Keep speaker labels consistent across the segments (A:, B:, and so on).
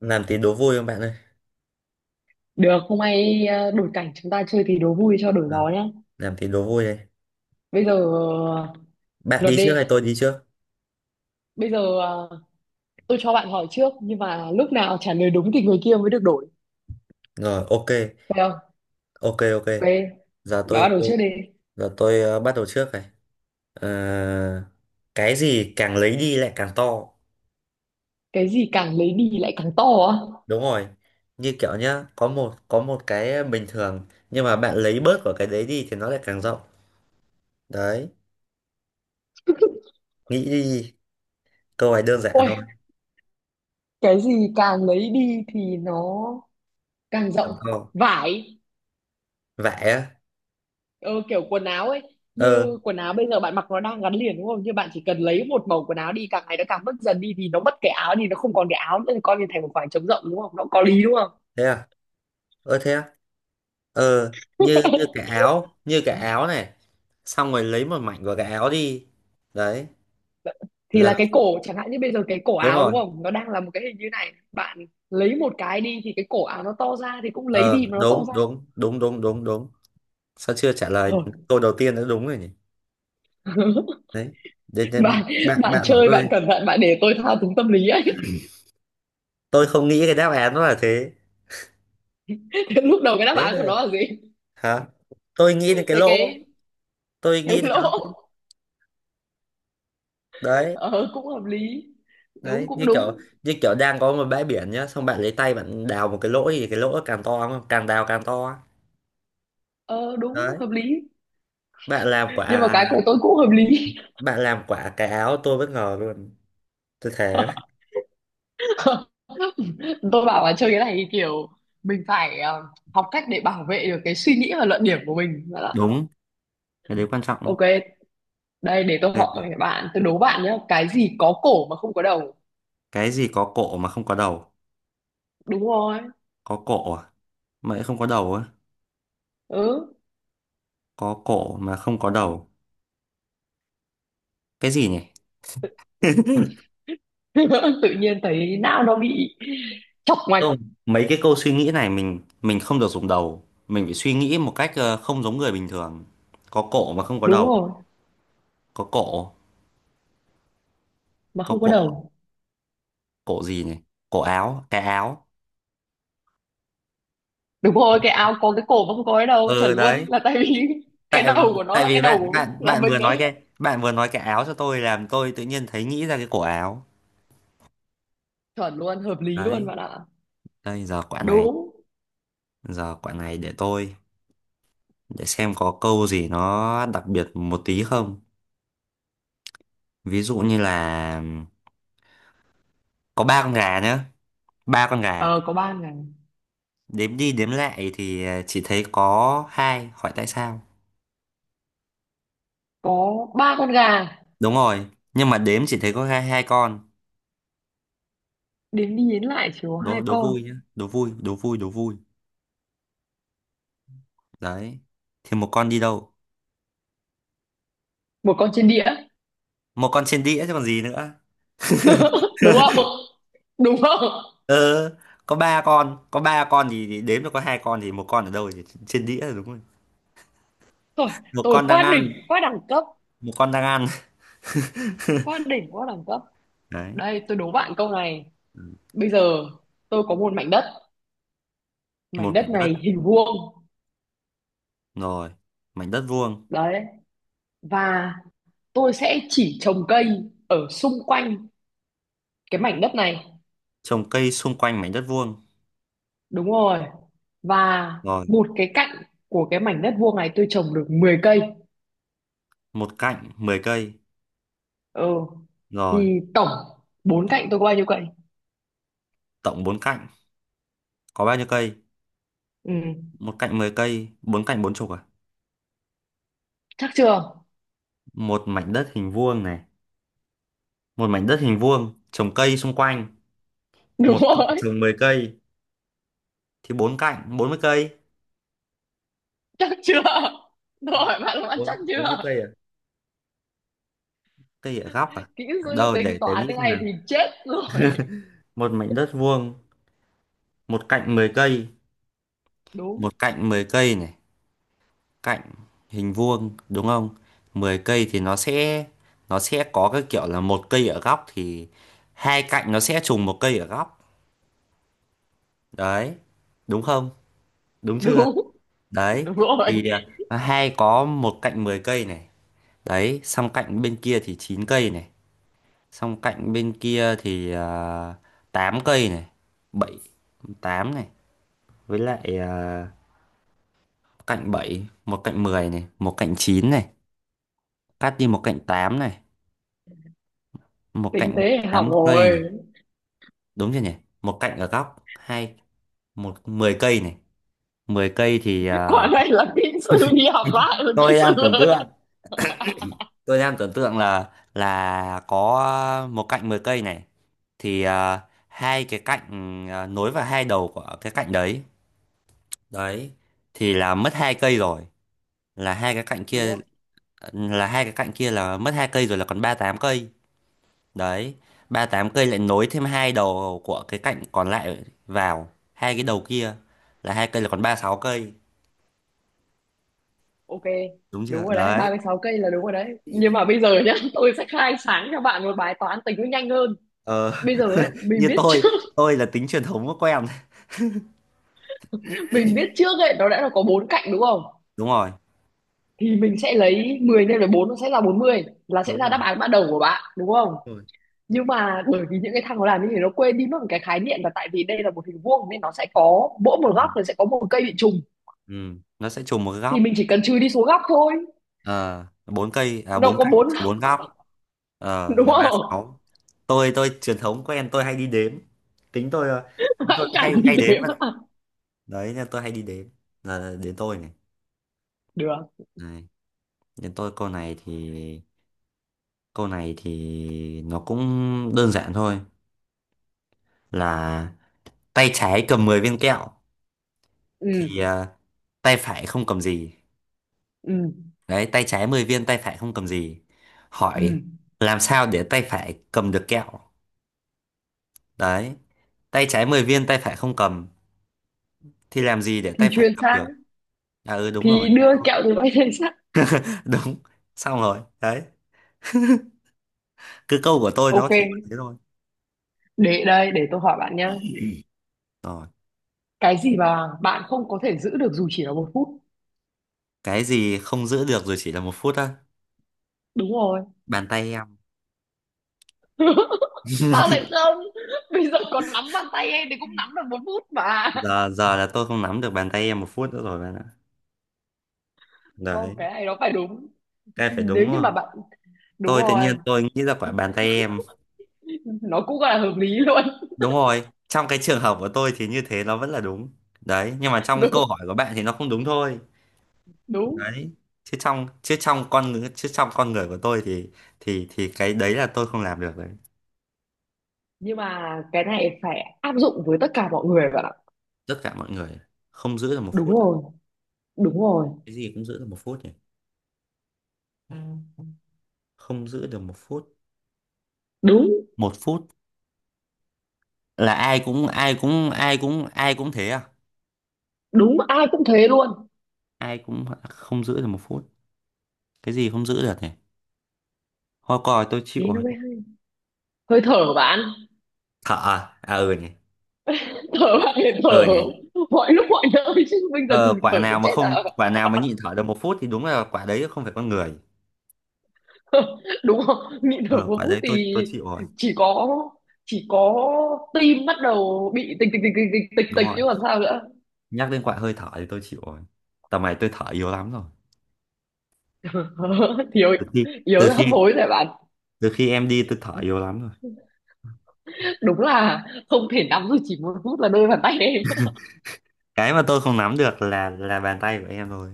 A: Làm tí đố vui không bạn ơi?
B: Được, hôm nay đổi cảnh chúng ta chơi thì đố vui cho đổi
A: Ừ,
B: gió nhá.
A: làm tí đố vui đây.
B: Bây giờ
A: Bạn
B: luật
A: đi trước
B: đi.
A: hay tôi đi trước?
B: Bây giờ tôi cho bạn hỏi trước nhưng mà lúc nào trả lời đúng thì người kia mới được đổi.
A: Rồi, ok.
B: Thấy không?
A: Ok ok.
B: Ok,
A: giờ
B: đó
A: tôi
B: đổi
A: tôi
B: trước đi.
A: giờ tôi bắt đầu trước này. Ờ, cái gì càng lấy đi lại càng to?
B: Cái gì càng lấy đi lại càng to á?
A: Đúng rồi, như kiểu nhá, có một cái bình thường nhưng mà bạn lấy bớt của cái đấy đi thì nó lại càng rộng đấy. Nghĩ đi, câu này đơn giản
B: Ôi,
A: thôi.
B: cái gì càng lấy đi thì nó càng
A: Làm
B: rộng.
A: to,
B: Vải.
A: vẽ á?
B: Ừ, kiểu quần áo ấy,
A: Ờ,
B: như quần áo bây giờ bạn mặc nó đang gắn liền đúng không, như bạn chỉ cần lấy một màu quần áo đi càng ngày nó càng mất dần đi thì nó mất cái áo, thì nó không còn cái áo nữa thì coi như thành một khoảng trống rộng đúng không, nó có lý đúng không,
A: thế à? Ơ thế á? Ờ, như như cái áo này. Xong rồi lấy một mảnh của cái áo đi. Đấy,
B: thì
A: là
B: là cái cổ chẳng hạn như bây giờ cái cổ
A: đúng
B: áo đúng
A: rồi.
B: không, nó đang là một cái hình như này bạn lấy một cái đi thì cái cổ áo nó to ra, thì cũng lấy đi
A: Ờ
B: mà nó to
A: đúng
B: ra
A: đúng đúng đúng đúng đúng. Sao chưa trả lời
B: rồi.
A: câu đầu tiên đã đúng rồi nhỉ? Đấy. Để,
B: bạn
A: bạn
B: bạn
A: bạn hỏi
B: chơi bạn cẩn thận, bạn để tôi thao túng tâm lý ấy.
A: tôi không nghĩ cái đáp án nó là thế.
B: Thế lúc đầu cái đáp
A: Thế
B: án của
A: là-
B: nó là gì?
A: hả? Tôi nghĩ đến cái
B: Thế
A: lỗ,
B: cái
A: tôi
B: cái
A: nghĩ đến cái
B: lỗ.
A: lỗ. Đấy,
B: Ờ, cũng hợp lý. Đúng,
A: đấy
B: cũng
A: như kiểu,
B: đúng.
A: như kiểu đang có một bãi biển nhá, xong bạn lấy tay bạn đào một cái lỗ thì cái lỗ càng to không? Càng đào càng to.
B: Ờ đúng,
A: Đấy,
B: hợp lý,
A: bạn làm
B: nhưng mà
A: quả,
B: cái của tôi cũng hợp lý.
A: bạn làm quả cái áo tôi bất ngờ luôn. Tôi thế.
B: Tôi bảo là chơi cái này thì kiểu mình phải học cách để bảo vệ được cái suy nghĩ và luận điểm của mình. Bảo là,
A: Đúng, cái đấy quan trọng đấy.
B: ok đây để tôi
A: Đây
B: hỏi
A: này.
B: các bạn, tôi đố bạn nhé, cái gì có cổ mà không có đầu?
A: Cái gì có cổ mà không có đầu?
B: Đúng rồi.
A: Có cổ à? Mà lại không có đầu á?
B: Ừ.
A: Có cổ mà không có đầu. Cái gì nhỉ?
B: Tự nhiên thấy não nó bị chọc ngoạch.
A: Không, mấy cái câu suy nghĩ này mình không được dùng đầu. Mình phải suy nghĩ một cách không giống người bình thường. Có cổ mà không có
B: Đúng
A: đầu.
B: rồi,
A: Có cổ,
B: mà
A: có
B: không có
A: cổ,
B: đầu.
A: cổ gì nhỉ? Cổ áo, cái áo.
B: Đúng rồi, cái áo có cái cổ mà không có cái đầu, chuẩn
A: Ờ
B: luôn,
A: đấy.
B: là tại vì cái
A: Tại
B: đầu của nó
A: tại
B: là cái
A: vì
B: đầu
A: bạn bạn
B: của là
A: bạn vừa
B: mình
A: nói
B: ấy.
A: cái, bạn vừa nói cái áo cho tôi làm tôi tự nhiên thấy nghĩ ra cái cổ áo
B: Chuẩn luôn, hợp lý
A: đấy.
B: luôn bạn ạ.
A: Đây giờ quả này,
B: Đúng.
A: giờ quả này để tôi để xem có câu gì nó đặc biệt một tí không. Ví dụ như là có ba con gà nhá, ba con gà
B: Ờ có 3 ngày.
A: đếm đi đếm lại thì chỉ thấy có hai, hỏi tại sao?
B: Có ba con gà.
A: Đúng rồi, nhưng mà đếm chỉ thấy có hai hai con.
B: Đến đi đến lại chỉ có
A: đố
B: hai
A: đố vui
B: con.
A: nhá, đố vui, đố vui, đố vui đấy, thì một con đi đâu?
B: Một con trên đĩa.
A: Một con trên đĩa chứ còn gì nữa.
B: Đúng không? Đúng không?
A: Ờ, có ba con, có ba con thì đếm được có hai con thì một con ở đâu, thì trên đĩa đúng rồi.
B: tôi
A: Một
B: tôi
A: con đang
B: quá đỉnh.
A: ăn,
B: Quá đẳng cấp.
A: một con đang ăn.
B: Quá đỉnh, quá đẳng cấp.
A: Đấy.
B: Đây tôi đố bạn câu này. Bây giờ tôi có một mảnh đất. Mảnh
A: Một
B: đất
A: mảnh đất,
B: này hình vuông.
A: rồi. Mảnh đất vuông.
B: Đấy. Và tôi sẽ chỉ trồng cây ở xung quanh cái mảnh đất này.
A: Trồng cây xung quanh mảnh đất vuông,
B: Đúng rồi. Và
A: rồi.
B: một cái cạnh của cái mảnh đất vuông này tôi trồng được 10 cây.
A: Một cạnh 10 cây,
B: Ừ,
A: rồi.
B: thì tổng bốn cạnh tôi có bao nhiêu cạnh?
A: Tổng bốn cạnh có bao nhiêu cây?
B: Ừ.
A: Một cạnh 10 cây, bốn cạnh bốn chục à?
B: Chắc chưa?
A: Một mảnh đất hình vuông này, một mảnh đất hình vuông trồng cây xung quanh,
B: Đúng
A: một cạnh
B: rồi.
A: trồng 10 cây thì bốn cạnh 40 cây.
B: Chắc chưa? Rồi, bạn là bạn
A: Bốn,
B: chắc
A: 40
B: chưa?
A: cây à? Cây ở góc à?
B: Kỹ sư
A: Đâu,
B: tính
A: để
B: toán
A: nghĩ
B: cái
A: xem.
B: này thì chết rồi.
A: Một mảnh đất vuông, một cạnh 10 cây,
B: Đúng.
A: một cạnh 10 cây này, cạnh hình vuông đúng không, 10 cây thì nó sẽ, nó sẽ có cái kiểu là một cây ở góc thì hai cạnh nó sẽ trùng một cây ở góc. Đấy, đúng không, đúng chưa?
B: Đúng.
A: Đấy,
B: Đúng rồi.
A: thì hai, có một cạnh 10 cây này. Đấy, xong cạnh bên kia thì 9 cây này, xong cạnh bên kia thì tám cây này, bảy, 8 này, với lại cạnh bảy, một cạnh 10 này, một cạnh 9 này, cắt đi một cạnh 8 này, một
B: Tính
A: cạnh
B: tế học
A: 8 cây này,
B: rồi.
A: đúng chưa nhỉ? Một cạnh ở góc, hai, một 10 cây này. Mười cây thì
B: Quả này là kỹ sư đi học lại rồi kỹ
A: tôi
B: sư
A: đang tưởng
B: ơi.
A: tượng, tôi đang tưởng tượng là có một cạnh 10 cây này thì hai cái cạnh nối vào hai đầu của cái cạnh đấy. Đấy, thì là mất hai cây rồi, là hai cái cạnh
B: Đúng
A: kia,
B: không?
A: là hai cái cạnh kia là mất hai cây rồi, là còn ba tám cây. Đấy, ba tám cây lại nối thêm hai đầu của cái cạnh còn lại vào hai cái đầu kia là hai cây, là còn ba sáu cây,
B: Ok.
A: đúng chưa
B: Đúng rồi đấy, ba
A: đấy?
B: mươi sáu cây là đúng rồi đấy, nhưng mà bây giờ nhá, tôi sẽ khai sáng cho bạn một bài toán tính nó nhanh hơn.
A: ờ,
B: Bây giờ ấy, mình
A: Như
B: biết
A: tôi
B: trước.
A: tôi là tính truyền thống của em.
B: Mình biết trước ấy, nó đã là có bốn cạnh đúng không,
A: Đúng rồi,
B: thì mình sẽ lấy 10 nhân với bốn, nó sẽ là 40, là sẽ
A: đúng
B: ra
A: rồi,
B: đáp án ban đầu của bạn đúng không.
A: đúng rồi.
B: Nhưng mà bởi vì những cái thằng nó làm như thế nó quên đi mất một cái khái niệm, là tại vì đây là một hình vuông nên nó sẽ có mỗi một
A: Ừ.
B: góc là sẽ có một cây bị trùng,
A: Ừ. Nó sẽ trùng một cái
B: thì
A: góc.
B: mình chỉ cần trừ đi số góc thôi.
A: Ờ, bốn cây à,
B: Đâu
A: bốn
B: có
A: cạnh
B: bốn,
A: trừ bốn góc. Ờ,
B: đúng
A: là ba
B: không?
A: sáu. Tôi truyền thống của em, tôi hay đi đếm, tính tôi tính
B: Hãy
A: tôi
B: cảnh,
A: hay hay
B: thế
A: đếm á.
B: mà
A: Đấy nên tôi hay đi đếm. Là đến tôi này.
B: được.
A: Này, đến tôi câu này thì, câu này thì nó cũng đơn giản thôi, là tay trái cầm 10 viên kẹo
B: Ừ.
A: thì tay phải không cầm gì.
B: Ừ.
A: Đấy, tay trái 10 viên tay phải không cầm gì.
B: Ừ.
A: Hỏi làm sao để tay phải cầm được kẹo? Đấy. Tay trái 10 viên tay phải không cầm thì làm gì để
B: Thì
A: tay phải
B: chuyển
A: cầm được?
B: sang,
A: À ừ đúng rồi.
B: thì đưa kẹo từ bay lên sắt.
A: Đúng. Xong rồi. Đấy. Cứ câu của tôi nó
B: Ok,
A: chỉ có thế thôi.
B: để đây để tôi hỏi bạn nhá,
A: Rồi,
B: cái gì mà bạn không có thể giữ được dù chỉ là một phút?
A: cái gì không giữ được rồi chỉ là một phút á?
B: Đúng rồi.
A: Bàn tay em.
B: Sao lại không? Bây giờ còn nắm bàn tay em thì cũng nắm được một phút mà.
A: Giờ, giờ là tôi không nắm được bàn tay em một phút nữa rồi bạn ạ.
B: Không,
A: Đấy,
B: cái này nó phải đúng
A: cái này phải đúng
B: nếu như
A: không?
B: mà bạn. Đúng
A: Tôi tự
B: rồi,
A: nhiên tôi nghĩ ra quả bàn tay em.
B: nó cũng gọi là hợp lý luôn.
A: Đúng rồi, trong cái trường hợp của tôi thì như thế nó vẫn là đúng. Đấy, nhưng mà trong cái câu hỏi
B: Đúng.
A: của bạn thì nó không đúng thôi.
B: Đúng.
A: Đấy. Chứ trong con người chứ trong con người của tôi thì thì cái đấy là tôi không làm được đấy.
B: Nhưng mà cái này phải áp dụng với tất cả mọi người bạn ạ.
A: Tất cả mọi người không giữ được một
B: Đúng
A: phút.
B: rồi. Đúng rồi.
A: Cái gì cũng giữ được một phút nhỉ? Ừ. Không giữ được một phút.
B: Đúng.
A: Một phút là ai cũng thế à?
B: Đúng, ai cũng thế luôn.
A: Ai cũng không giữ được một phút. Cái gì không giữ được nhỉ? Hoa còi tôi chịu.
B: Thế nó mới hay. Hơi thở bạn,
A: Thở à? À ừ nhỉ.
B: thở bạn, để
A: Ừ
B: thở
A: nhỉ.
B: mọi lúc mọi nơi chứ, bây giờ
A: Ờ,
B: ngừng
A: quả
B: thở để
A: nào mà
B: chết à?
A: không, quả nào mà nhịn thở được một phút thì đúng là quả đấy không phải con người.
B: Đúng không? Nhịn thở
A: Ờ,
B: một
A: quả
B: phút
A: đấy tôi
B: thì
A: chịu rồi.
B: chỉ có, chỉ có tim bắt đầu bị tịch tịch tịch tịch tịch tịch
A: Đúng
B: tịch
A: rồi,
B: chứ còn sao nữa.
A: nhắc đến quả hơi thở thì tôi chịu rồi. Tầm này tôi thở yếu lắm rồi.
B: Thiếu,
A: từ khi từ
B: yếu hấp
A: khi
B: hối rồi bạn.
A: từ khi em đi tôi thở yếu lắm rồi.
B: Đúng là không thể nắm được chỉ một phút là đôi bàn tay em.
A: Cái mà tôi không nắm được là bàn tay của em thôi.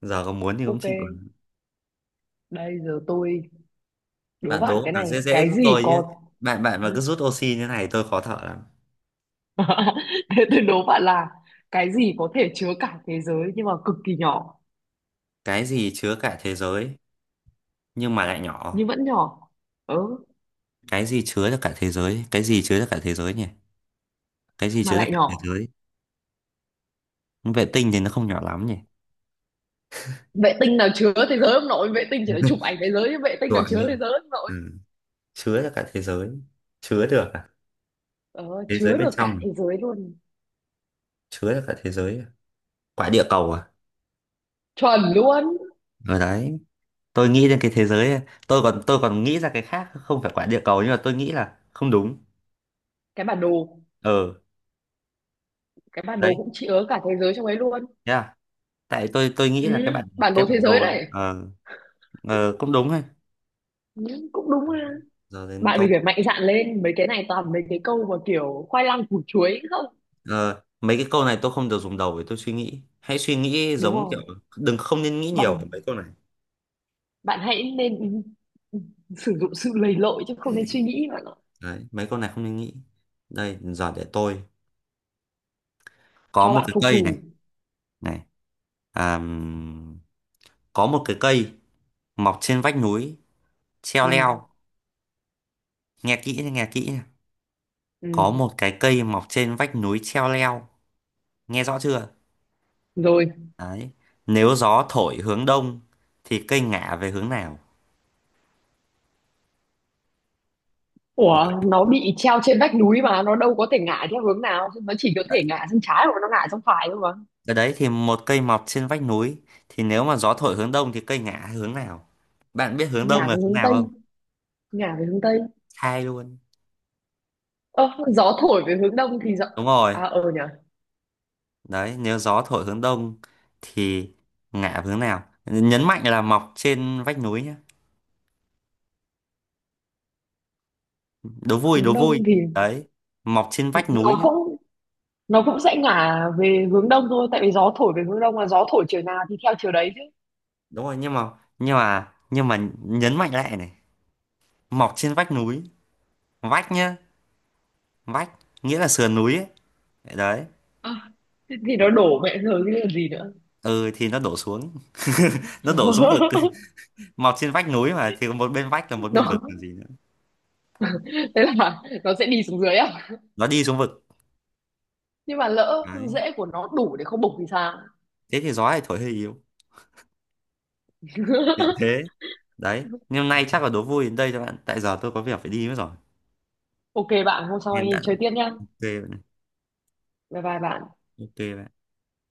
A: Giờ có muốn thì cũng
B: Ok,
A: chịu rồi.
B: đây giờ tôi đố
A: Bạn
B: bạn
A: đố
B: cái
A: là dễ
B: này,
A: dễ
B: cái
A: giúp
B: gì
A: tôi chứ,
B: có.
A: bạn bạn mà cứ rút oxy như này tôi khó thở lắm.
B: Thế tôi đố bạn là cái gì có thể chứa cả thế giới nhưng mà cực kỳ nhỏ,
A: Cái gì chứa cả thế giới nhưng mà lại nhỏ?
B: nhưng vẫn nhỏ. Ừ,
A: Cái gì chứa được cả thế giới, cái gì chứa được cả thế giới nhỉ? Cái gì
B: mà
A: chứa ra
B: lại
A: cả thế
B: nhỏ.
A: giới? Vệ tinh thì nó không nhỏ lắm nhỉ?
B: Vệ tinh nào chứa thế giới ông nội, vệ tinh chỉ là chụp ảnh thế giới chứ vệ tinh nào
A: Đoạn
B: chứa thế
A: rồi.
B: giới ông nội.
A: Ừ. Chứa ra cả thế giới. Chứa được à?
B: Ờ,
A: Thế giới
B: chứa
A: bên
B: được cả
A: trong.
B: thế giới luôn.
A: Chứa ra cả thế giới à? Quả địa cầu à?
B: Chuẩn luôn.
A: Ở đấy, tôi nghĩ đến cái thế giới ấy. Tôi còn nghĩ ra cái khác không phải quả địa cầu nhưng mà tôi nghĩ là không đúng.
B: Cái bản đồ,
A: Ờ
B: cái bản đồ
A: đấy,
B: cũng chứa cả thế giới trong ấy luôn.
A: thế à, tại tôi nghĩ
B: Ừ,
A: là cái bản,
B: bản
A: cái
B: đồ thế
A: bản
B: giới
A: đồ.
B: đấy.
A: Ờ. Ờ, cũng đúng hay.
B: Ừ, cũng đúng ha.
A: Giờ đến
B: Bạn mình
A: tôi.
B: phải mạnh dạn lên, mấy cái này toàn mấy cái câu mà kiểu khoai lang củ chuối không.
A: Ờ, mấy cái câu này tôi không được dùng đầu để tôi suy nghĩ, hãy suy nghĩ
B: Đúng
A: giống kiểu
B: rồi.
A: đừng, không nên nghĩ nhiều
B: Bằng,
A: về mấy câu này.
B: bạn hãy nên sử dụng sự lầy lội chứ không nên suy nghĩ bạn ạ.
A: Đấy, mấy con này không nên nghĩ. Đây giờ để tôi có
B: Cho
A: một
B: bạn
A: cái
B: phục
A: cây này
B: thù.
A: này, à, có một cái cây mọc trên vách núi treo
B: Ừ.
A: leo. Nghe kỹ nha, nghe kỹ nha.
B: Ừ.
A: Có một cái cây mọc trên vách núi treo leo, nghe rõ chưa?
B: Rồi.
A: Đấy, nếu gió thổi hướng đông thì cây ngả về hướng nào?
B: Ủa, nó bị treo trên vách núi mà nó đâu có thể ngả theo hướng nào, nó chỉ có
A: Đấy.
B: thể ngả sang trái hoặc nó ngả sang phải thôi mà.
A: Cái đấy thì một cây mọc trên vách núi thì nếu mà gió thổi hướng đông thì cây ngả hướng nào? Bạn biết hướng đông
B: Ngả
A: là
B: về
A: hướng
B: hướng
A: nào
B: tây.
A: không?
B: Ngả về hướng tây.
A: Sai luôn.
B: Ơ gió thổi về hướng đông thì gió,
A: Đúng rồi.
B: à ờ nhỉ.
A: Đấy, nếu gió thổi hướng đông thì ngả về hướng nào, nhấn mạnh là mọc trên vách núi nhé, đố vui,
B: Hướng
A: đố
B: đông
A: vui.
B: thì
A: Đấy, mọc trên vách núi
B: nó
A: nhé.
B: cũng nó cũng sẽ ngả về hướng đông thôi, tại vì gió thổi về hướng đông mà, gió thổi chiều nào thì theo chiều đấy chứ.
A: Đúng rồi nhưng mà nhấn mạnh lại này, mọc trên vách núi, vách nhá, vách nghĩa là sườn núi ấy. Đấy.
B: Ờ, thế thì nó đổ mẹ rồi chứ còn gì nữa.
A: Ừ thì nó đổ xuống. Nó đổ xuống vực. Mọc trên vách núi mà thì có một bên vách là một bên vực
B: Nó,
A: còn gì nữa.
B: thế là nó sẽ đi xuống dưới à?
A: Nó đi xuống vực.
B: Nhưng mà lỡ
A: Đấy,
B: rễ của nó đủ để không bục thì sao?
A: thế thì gió lại thổi hơi yếu, kiểu thế. Đấy, nhưng hôm nay chắc là đố vui đến đây cho bạn, tại giờ tôi có việc phải đi mất rồi.
B: Ok bạn, hôm sau
A: Hẹn
B: anh
A: bạn,
B: chơi tiếp nhá.
A: bạn ạ.
B: Bye bye bạn.
A: Ok bạn.